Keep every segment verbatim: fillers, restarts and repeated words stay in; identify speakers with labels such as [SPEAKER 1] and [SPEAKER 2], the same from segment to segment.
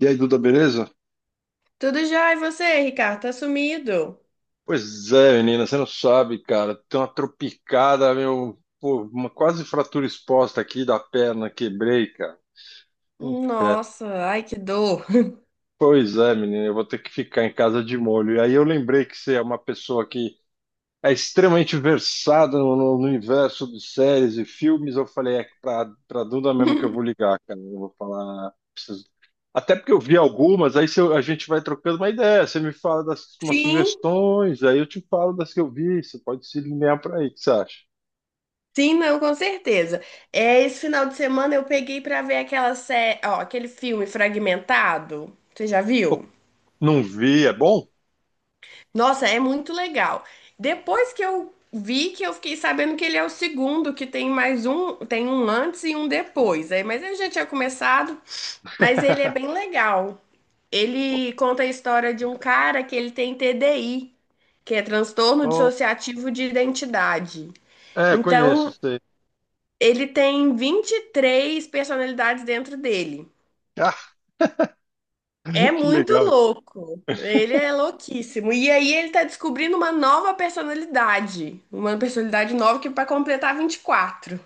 [SPEAKER 1] E aí, Duda, beleza?
[SPEAKER 2] Tudo já, e você, Ricardo? Tá sumido?
[SPEAKER 1] Pois é, menina, você não sabe, cara. Tem uma tropicada, meu. Pô, uma quase fratura exposta aqui da perna, quebrei, cara. Inferno.
[SPEAKER 2] Nossa, ai que dor.
[SPEAKER 1] Pois é, menina, eu vou ter que ficar em casa de molho. E aí eu lembrei que você é uma pessoa que é extremamente versado no, no universo de séries e filmes. Eu falei, é pra, pra Duda mesmo que eu vou ligar, cara. Eu vou falar, preciso- até porque eu vi algumas, aí se eu- a gente vai trocando uma ideia. Você me fala das umas
[SPEAKER 2] Sim,
[SPEAKER 1] sugestões, aí eu te falo das que eu vi. Você pode se linear pra aí, o que você acha?
[SPEAKER 2] sim, não, com certeza. É, esse final de semana eu peguei pra ver aquela série, ó, aquele filme Fragmentado. Você já viu?
[SPEAKER 1] Não vi, é bom?
[SPEAKER 2] Nossa, é muito legal. Depois que eu vi que eu fiquei sabendo que ele é o segundo, que tem mais um, tem um antes e um depois. Aí, mas eu já tinha começado, mas ele é bem legal. Ele conta a história de um cara que ele tem T D I, que é transtorno
[SPEAKER 1] Oh,
[SPEAKER 2] dissociativo de identidade.
[SPEAKER 1] é, conheço
[SPEAKER 2] Então,
[SPEAKER 1] isso aí.
[SPEAKER 2] ele tem vinte e três personalidades dentro dele.
[SPEAKER 1] Ah,
[SPEAKER 2] É
[SPEAKER 1] que
[SPEAKER 2] muito
[SPEAKER 1] legal.
[SPEAKER 2] louco. Ele é louquíssimo. E aí ele tá descobrindo uma nova personalidade. Uma personalidade nova que para completar vinte e quatro.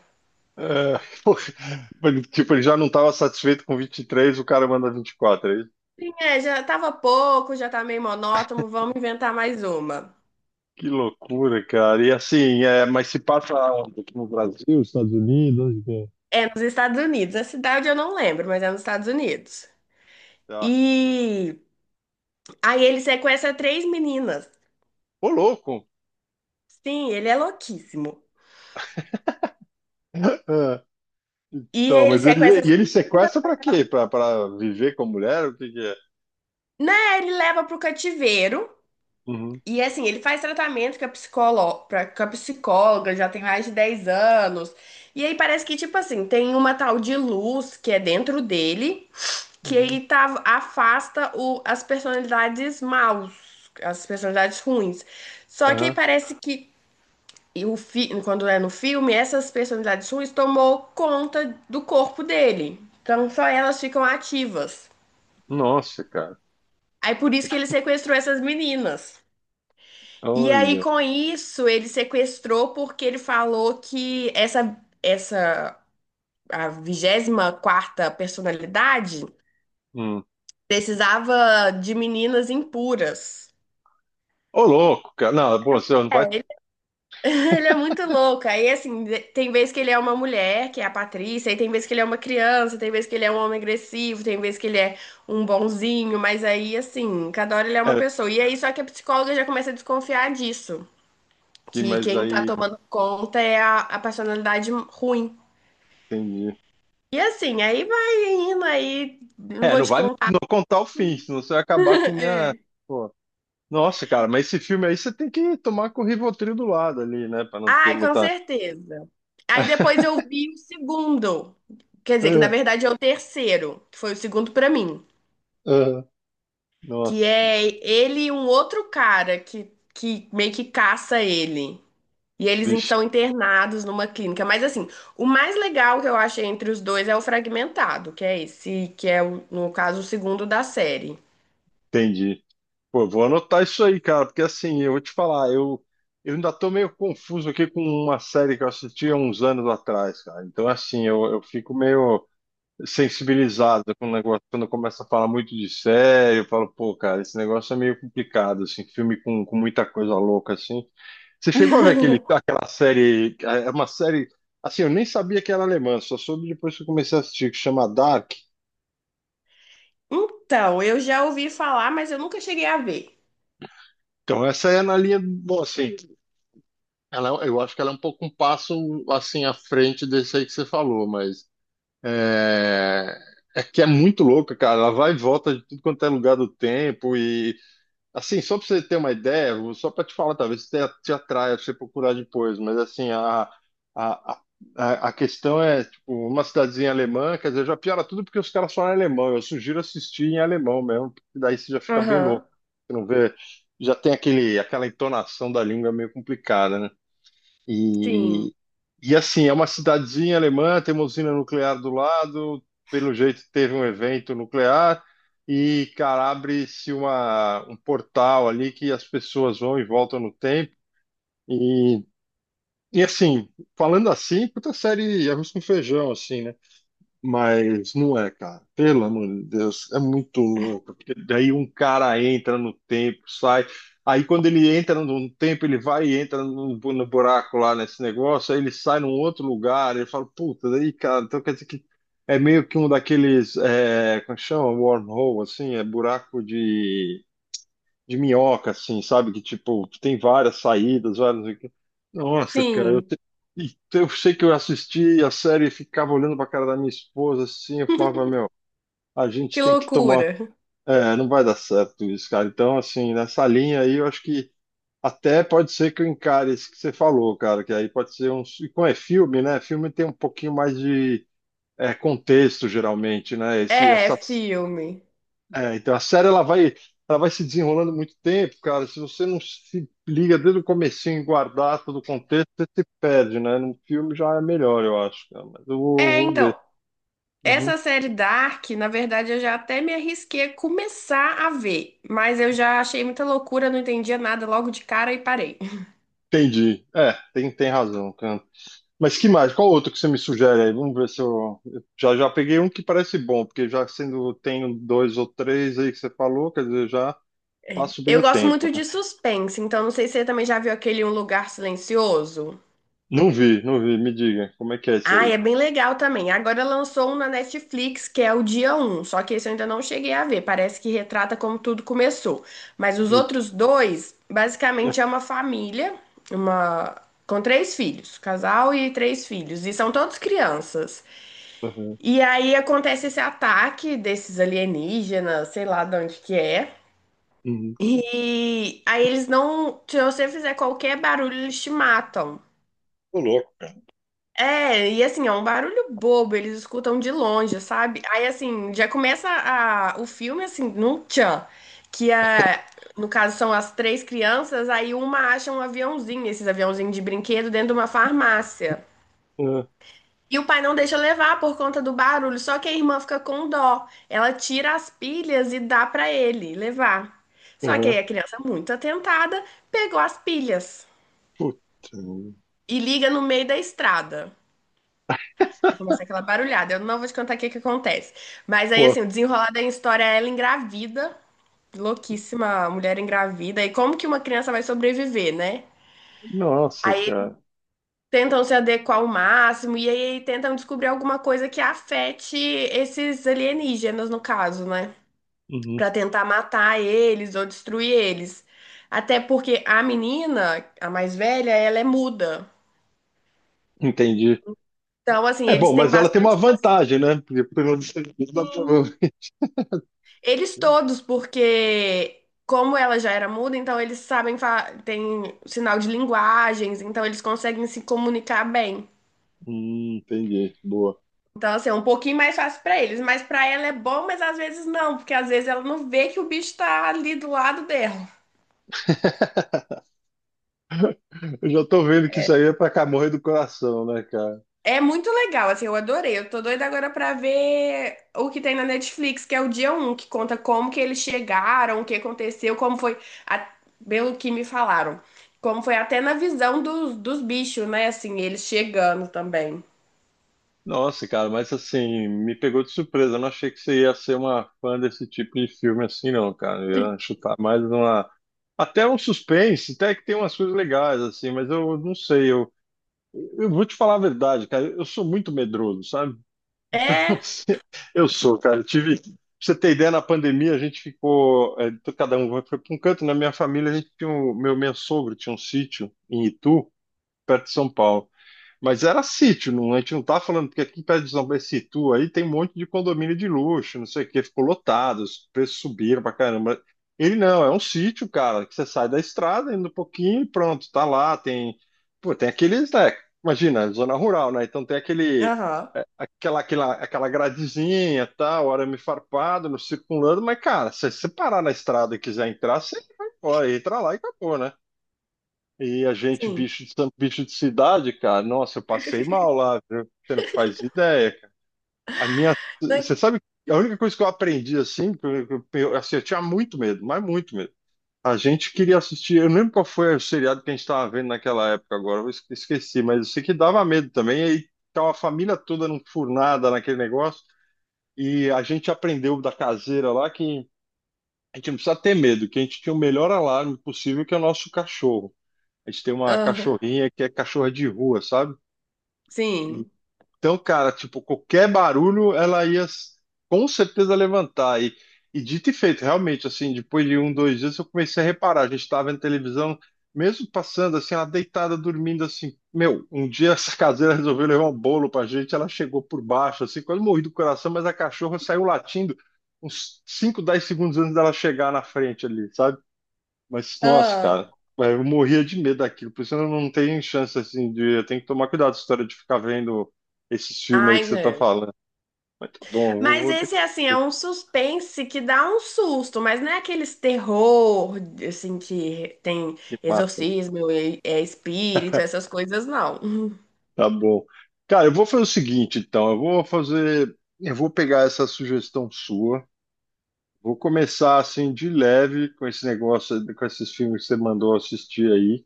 [SPEAKER 1] É, pô, tipo, ele já não estava satisfeito com vinte e três. O cara manda vinte e quatro. é
[SPEAKER 2] Sim, é, já tava pouco, já tá meio monótono, vamos inventar mais uma.
[SPEAKER 1] Que loucura, cara. E assim, é, mas se passa onde? Aqui no Brasil, Estados Unidos, onde que é?
[SPEAKER 2] É nos Estados Unidos. A cidade eu não lembro, mas é nos Estados Unidos.
[SPEAKER 1] Tá.
[SPEAKER 2] E aí ele sequestra três meninas.
[SPEAKER 1] Ô, louco!
[SPEAKER 2] Sim, ele é louquíssimo.
[SPEAKER 1] É,
[SPEAKER 2] E
[SPEAKER 1] então,
[SPEAKER 2] ele
[SPEAKER 1] mas ele,
[SPEAKER 2] sequestra,
[SPEAKER 1] e ele sequestra pra quê? Pra, pra viver com a mulher? O que que é?
[SPEAKER 2] né? Ele leva pro cativeiro.
[SPEAKER 1] Uhum,
[SPEAKER 2] E assim, ele faz tratamento com a psicolo- com a psicóloga, já tem mais de dez anos. E aí parece que, tipo assim, tem uma tal de luz que é dentro dele, que
[SPEAKER 1] uhum,
[SPEAKER 2] ele tá, afasta o- as personalidades maus, as personalidades ruins. Só que aí
[SPEAKER 1] aham.
[SPEAKER 2] parece que, e o fi- quando é no filme, essas personalidades ruins tomou conta do corpo dele. Então só elas ficam ativas.
[SPEAKER 1] Nossa, cara.
[SPEAKER 2] Aí por isso que ele sequestrou essas meninas. E aí
[SPEAKER 1] Olha.
[SPEAKER 2] com isso ele sequestrou porque ele falou que essa essa a vigésima quarta personalidade
[SPEAKER 1] Hum.
[SPEAKER 2] precisava de meninas impuras.
[SPEAKER 1] Ô, louco, cara. Não, pô, você não vai.
[SPEAKER 2] É. Ele, ele é muito louco. Aí assim, de- tem vez que ele é uma mulher, que é a Patrícia, aí tem vez que ele é uma criança, tem vez que ele é um homem agressivo, tem vez que ele é um bonzinho, mas aí assim, cada hora ele é uma
[SPEAKER 1] É,
[SPEAKER 2] pessoa. E aí só que a psicóloga já começa a desconfiar disso,
[SPEAKER 1] que-
[SPEAKER 2] que
[SPEAKER 1] mas
[SPEAKER 2] quem tá
[SPEAKER 1] aí,
[SPEAKER 2] tomando conta é a, a personalidade ruim.
[SPEAKER 1] entendi.
[SPEAKER 2] E assim, aí vai indo, aí não
[SPEAKER 1] É,
[SPEAKER 2] vou
[SPEAKER 1] não
[SPEAKER 2] te
[SPEAKER 1] vai me-
[SPEAKER 2] contar.
[SPEAKER 1] não contar o fim, senão você vai acabar com minha.
[SPEAKER 2] É.
[SPEAKER 1] Pô. Nossa, cara, mas esse filme aí você tem que tomar com o Rivotril do lado ali, né? Pra não ter
[SPEAKER 2] Ai, com
[SPEAKER 1] muita.
[SPEAKER 2] certeza. Aí depois eu vi o segundo. Quer dizer, que na
[SPEAKER 1] Ah,
[SPEAKER 2] verdade é o terceiro, que foi o segundo pra mim.
[SPEAKER 1] ah,
[SPEAKER 2] Que
[SPEAKER 1] nossa,
[SPEAKER 2] é ele e um outro cara que, que meio que caça ele. E eles in-
[SPEAKER 1] bicho,
[SPEAKER 2] são internados numa clínica. Mas assim, o mais legal que eu achei entre os dois é o Fragmentado, que é esse, que é, o- no caso, o segundo da série.
[SPEAKER 1] entendi. Pô, vou anotar isso aí, cara, porque assim, eu vou te falar, eu, eu ainda tô meio confuso aqui com uma série que eu assisti há uns anos atrás, cara. Então, assim, eu, eu fico meio sensibilizado com o negócio, quando começa a falar muito de série, eu falo, pô, cara, esse negócio é meio complicado, assim, filme com, com muita coisa louca, assim. Você chegou a ver aquele, aquela série, é é uma série, assim, eu nem sabia que era alemã, só soube depois que eu comecei a assistir, que chama Dark.
[SPEAKER 2] Então, eu já ouvi falar, mas eu nunca cheguei a ver.
[SPEAKER 1] Então, essa é na linha, bom, assim, ela, eu acho que ela é um pouco um passo, assim, à frente desse aí que você falou, mas é, é, que é muito louca, cara, ela vai e volta de tudo quanto é lugar do tempo. E assim, só para você ter uma ideia, vou- só para te falar, talvez te, te atraia pra você procurar depois, mas assim, a, a, a, a questão é, tipo, uma cidadezinha alemã, quer dizer, já piora tudo porque os caras falam alemão, eu sugiro assistir em alemão mesmo, porque daí você já fica bem louco,
[SPEAKER 2] Aham,
[SPEAKER 1] você não vê, já tem aquele, aquela entonação da língua meio complicada, né?
[SPEAKER 2] sim,
[SPEAKER 1] E, e assim, é uma cidadezinha alemã, tem uma usina nuclear do lado, pelo jeito teve um evento nuclear, e, cara, abre-se uma, um portal ali que as pessoas vão e voltam no tempo. E, e assim, falando assim, puta série arroz com feijão, assim, né? Mas não é, cara. Pelo amor de Deus, é muito louco. Porque daí um cara entra no tempo, sai. Aí quando ele entra num tempo, ele vai e entra no, bu- no buraco lá nesse negócio, aí ele sai num outro lugar, ele fala, puta, daí, cara, então quer dizer que é meio que um daqueles, é, como chama? Wormhole, assim, é buraco de de minhoca, assim, sabe? Que, tipo, tem várias saídas, várias... não sei o quê. Nossa, cara, eu,
[SPEAKER 2] sim.
[SPEAKER 1] te- e eu sei que eu assisti a série e ficava olhando pra cara da minha esposa, assim, eu falava, meu, a gente
[SPEAKER 2] Que
[SPEAKER 1] tem que tomar...
[SPEAKER 2] loucura.
[SPEAKER 1] É, não vai dar certo isso, cara. Então, assim, nessa linha aí, eu acho que até pode ser que eu encare isso que você falou, cara, que aí pode ser um... E como é filme, né? Filme tem um pouquinho mais de... é, contexto, geralmente, né? Esse,
[SPEAKER 2] É,
[SPEAKER 1] essa
[SPEAKER 2] filme.
[SPEAKER 1] é, então a série ela vai, ela vai se desenrolando muito tempo, cara. Se você não se liga desde o comecinho e guardar todo o contexto, você se perde, né? No filme já é melhor, eu acho, cara. Mas eu vou,
[SPEAKER 2] É,
[SPEAKER 1] vou ver.
[SPEAKER 2] então,
[SPEAKER 1] Uhum.
[SPEAKER 2] essa série Dark, na verdade, eu já até me arrisquei a começar a ver, mas eu já achei muita loucura, não entendia nada logo de cara e parei.
[SPEAKER 1] Entendi. É, tem, tem razão, cara. Mas que mais? Qual outro que você me sugere aí? Vamos ver se eu. eu Já já peguei um que parece bom, porque já sendo tenho dois ou três aí que você falou, quer dizer, já passo bem
[SPEAKER 2] Eu
[SPEAKER 1] o
[SPEAKER 2] gosto
[SPEAKER 1] tempo,
[SPEAKER 2] muito de
[SPEAKER 1] né?
[SPEAKER 2] suspense, então não sei se você também já viu aquele Um Lugar Silencioso.
[SPEAKER 1] Não vi, não vi. Me diga, como é que é esse
[SPEAKER 2] Ah,
[SPEAKER 1] aí?
[SPEAKER 2] é bem legal também. Agora lançou um na Netflix, que é o Dia Um. Só que esse eu ainda não cheguei a ver. Parece que retrata como tudo começou. Mas os
[SPEAKER 1] E-
[SPEAKER 2] outros dois, basicamente é uma família, uma com três filhos, casal e três filhos, e são todos crianças.
[SPEAKER 1] Uhum.
[SPEAKER 2] E aí acontece esse ataque desses alienígenas, sei lá de onde que é.
[SPEAKER 1] Uhum.
[SPEAKER 2] E aí eles não, se você fizer qualquer barulho, eles te matam.
[SPEAKER 1] Ô, louco,
[SPEAKER 2] É, e assim, é um barulho bobo, eles escutam de longe, sabe? Aí assim, já começa a, o filme assim, num tchan, que é, no caso são as três crianças, aí uma acha um aviãozinho, esses aviãozinhos de brinquedo, dentro de uma farmácia.
[SPEAKER 1] cara.
[SPEAKER 2] E o pai não deixa levar por conta do barulho, só que a irmã fica com dó. Ela tira as pilhas e dá pra ele levar. Só que aí
[SPEAKER 1] Aham.
[SPEAKER 2] a criança, muito atentada, pegou as pilhas
[SPEAKER 1] Puta.
[SPEAKER 2] e liga no meio da estrada. Começa aquela barulhada. Eu não vou te contar o que que acontece. Mas aí,
[SPEAKER 1] Pô,
[SPEAKER 2] assim, o desenrolar da história é ela engravida, louquíssima, a mulher engravida. E como que uma criança vai sobreviver, né?
[SPEAKER 1] nossa,
[SPEAKER 2] Aí eles
[SPEAKER 1] cara.
[SPEAKER 2] tentam se adequar ao máximo e aí tentam descobrir alguma coisa que afete esses alienígenas, no caso, né?
[SPEAKER 1] Uhum.
[SPEAKER 2] Pra tentar matar eles ou destruir eles. Até porque a menina, a mais velha, ela é muda.
[SPEAKER 1] Entendi.
[SPEAKER 2] Então, assim,
[SPEAKER 1] É
[SPEAKER 2] eles
[SPEAKER 1] bom,
[SPEAKER 2] têm
[SPEAKER 1] mas ela tem uma
[SPEAKER 2] bastante.
[SPEAKER 1] vantagem, né? Porque pelo menos dá pra-
[SPEAKER 2] Eles todos, porque como ela já era muda, então eles sabem, fa- tem sinal de linguagens, então eles conseguem se comunicar bem.
[SPEAKER 1] Hum, entendi. Boa.
[SPEAKER 2] Então, assim, é um pouquinho mais fácil pra eles, mas pra ela é bom, mas às vezes não, porque às vezes ela não vê que o bicho tá ali do lado dela.
[SPEAKER 1] Eu já tô vendo que isso aí é pra Camorra do coração, né, cara?
[SPEAKER 2] É muito legal, assim, eu adorei. Eu tô doida agora pra ver o que tem na Netflix, que é o Dia Um, que conta como que eles chegaram, o que aconteceu, como foi, a- pelo que me falaram, como foi até na visão dos, dos bichos, né? Assim, eles chegando também.
[SPEAKER 1] Nossa, cara, mas assim, me pegou de surpresa. Eu não achei que você ia ser uma fã desse tipo de filme assim, não, cara. Eu ia chutar mais uma. Até um suspense, até que tem umas coisas legais, assim, mas eu não sei. Eu, eu vou te falar a verdade, cara. Eu sou muito medroso, sabe?
[SPEAKER 2] É,
[SPEAKER 1] Eu sou, cara. Eu tive. Pra você ter ideia, na pandemia a gente ficou. É, to- cada um foi para um canto. Na minha família, a gente tinha um, meu, meu sogro tinha um sítio em Itu, perto de São Paulo. Mas era sítio, não, a gente não tá falando, porque aqui perto de São Situ aí tem um monte de condomínio de luxo, não sei o que, ficou lotado, os preços subiram pra caramba. Ele não, é um sítio, cara, que você sai da estrada, indo um pouquinho e pronto, tá lá, tem, pô, tem aqueles, né, imagina, zona rural, né, então tem aquele,
[SPEAKER 2] aham,
[SPEAKER 1] é, aquela, aquela, aquela gradezinha, tal, arame farpado, no circulando, mas, cara, se você parar na estrada e quiser entrar, você vai, ó, entra lá e acabou, né? E a gente,
[SPEAKER 2] sim.
[SPEAKER 1] bicho de, san- bicho de cidade, cara, nossa, eu passei mal lá, viu? Você não faz ideia, cara. A minha,
[SPEAKER 2] Né?
[SPEAKER 1] você sabe, a única coisa que eu aprendi, assim, que eu, que eu- assim, eu tinha muito medo, mas muito medo. A gente queria assistir, eu não lembro qual foi o seriado que a gente estava vendo naquela época agora, eu esque- esqueci, mas eu sei que dava medo também, e aí tava a família toda num furnada naquele negócio, e a gente aprendeu da caseira lá que a gente não precisa ter medo, que a gente tinha o melhor alarme possível, que é o nosso cachorro. A gente tem uma
[SPEAKER 2] Aham,
[SPEAKER 1] cachorrinha que é cachorra de rua, sabe? E-
[SPEAKER 2] sim.
[SPEAKER 1] Então, cara, tipo, qualquer barulho ela ia s- com certeza levantar. E, e dito e feito, realmente, assim, depois de um, dois dias eu comecei a reparar. A gente estava vendo televisão, mesmo passando, assim, ela deitada, dormindo, assim. Meu, um dia essa caseira resolveu levar um bolo pra gente, ela chegou por baixo, assim, quase morri do coração, mas a cachorra saiu latindo uns cinco, dez segundos antes dela chegar na frente ali, sabe? Mas, nossa,
[SPEAKER 2] Ah,
[SPEAKER 1] cara, é, eu morria de medo daquilo. Por isso eu não tenho chance, assim, de... Eu tenho que tomar cuidado com a história de ficar vendo esses filmes aí que
[SPEAKER 2] ai,
[SPEAKER 1] você tá
[SPEAKER 2] é.
[SPEAKER 1] falando. Mas tá bom, eu
[SPEAKER 2] Mas
[SPEAKER 1] vou daqui
[SPEAKER 2] esse, assim,
[SPEAKER 1] ver
[SPEAKER 2] é
[SPEAKER 1] se
[SPEAKER 2] um suspense que dá um susto, mas não é aqueles terror, assim, que tem
[SPEAKER 1] me mata.
[SPEAKER 2] exorcismo, é é espírito, essas coisas, não.
[SPEAKER 1] Tá bom. Cara, eu vou fazer o seguinte, então. Eu vou fazer... Eu vou pegar essa sugestão sua. Vou começar assim de leve com esse negócio, com esses filmes que você mandou assistir aí.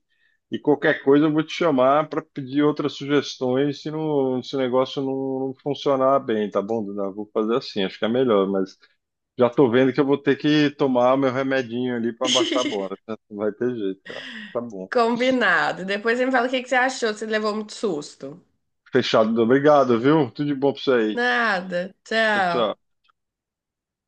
[SPEAKER 1] E qualquer coisa eu vou te chamar para pedir outras sugestões se, não, se o negócio não, não funcionar bem, tá bom, Duda? Vou fazer assim, acho que é melhor, mas já tô vendo que eu vou ter que tomar meu remedinho ali para baixar a bola, né? Não vai ter jeito, cara. Tá bom.
[SPEAKER 2] Combinado. Depois você me fala o que que você achou, se levou muito susto.
[SPEAKER 1] Fechado, Duda. Obrigado, viu? Tudo de bom pra você aí.
[SPEAKER 2] Nada.
[SPEAKER 1] Tchau, tchau.
[SPEAKER 2] Tchau.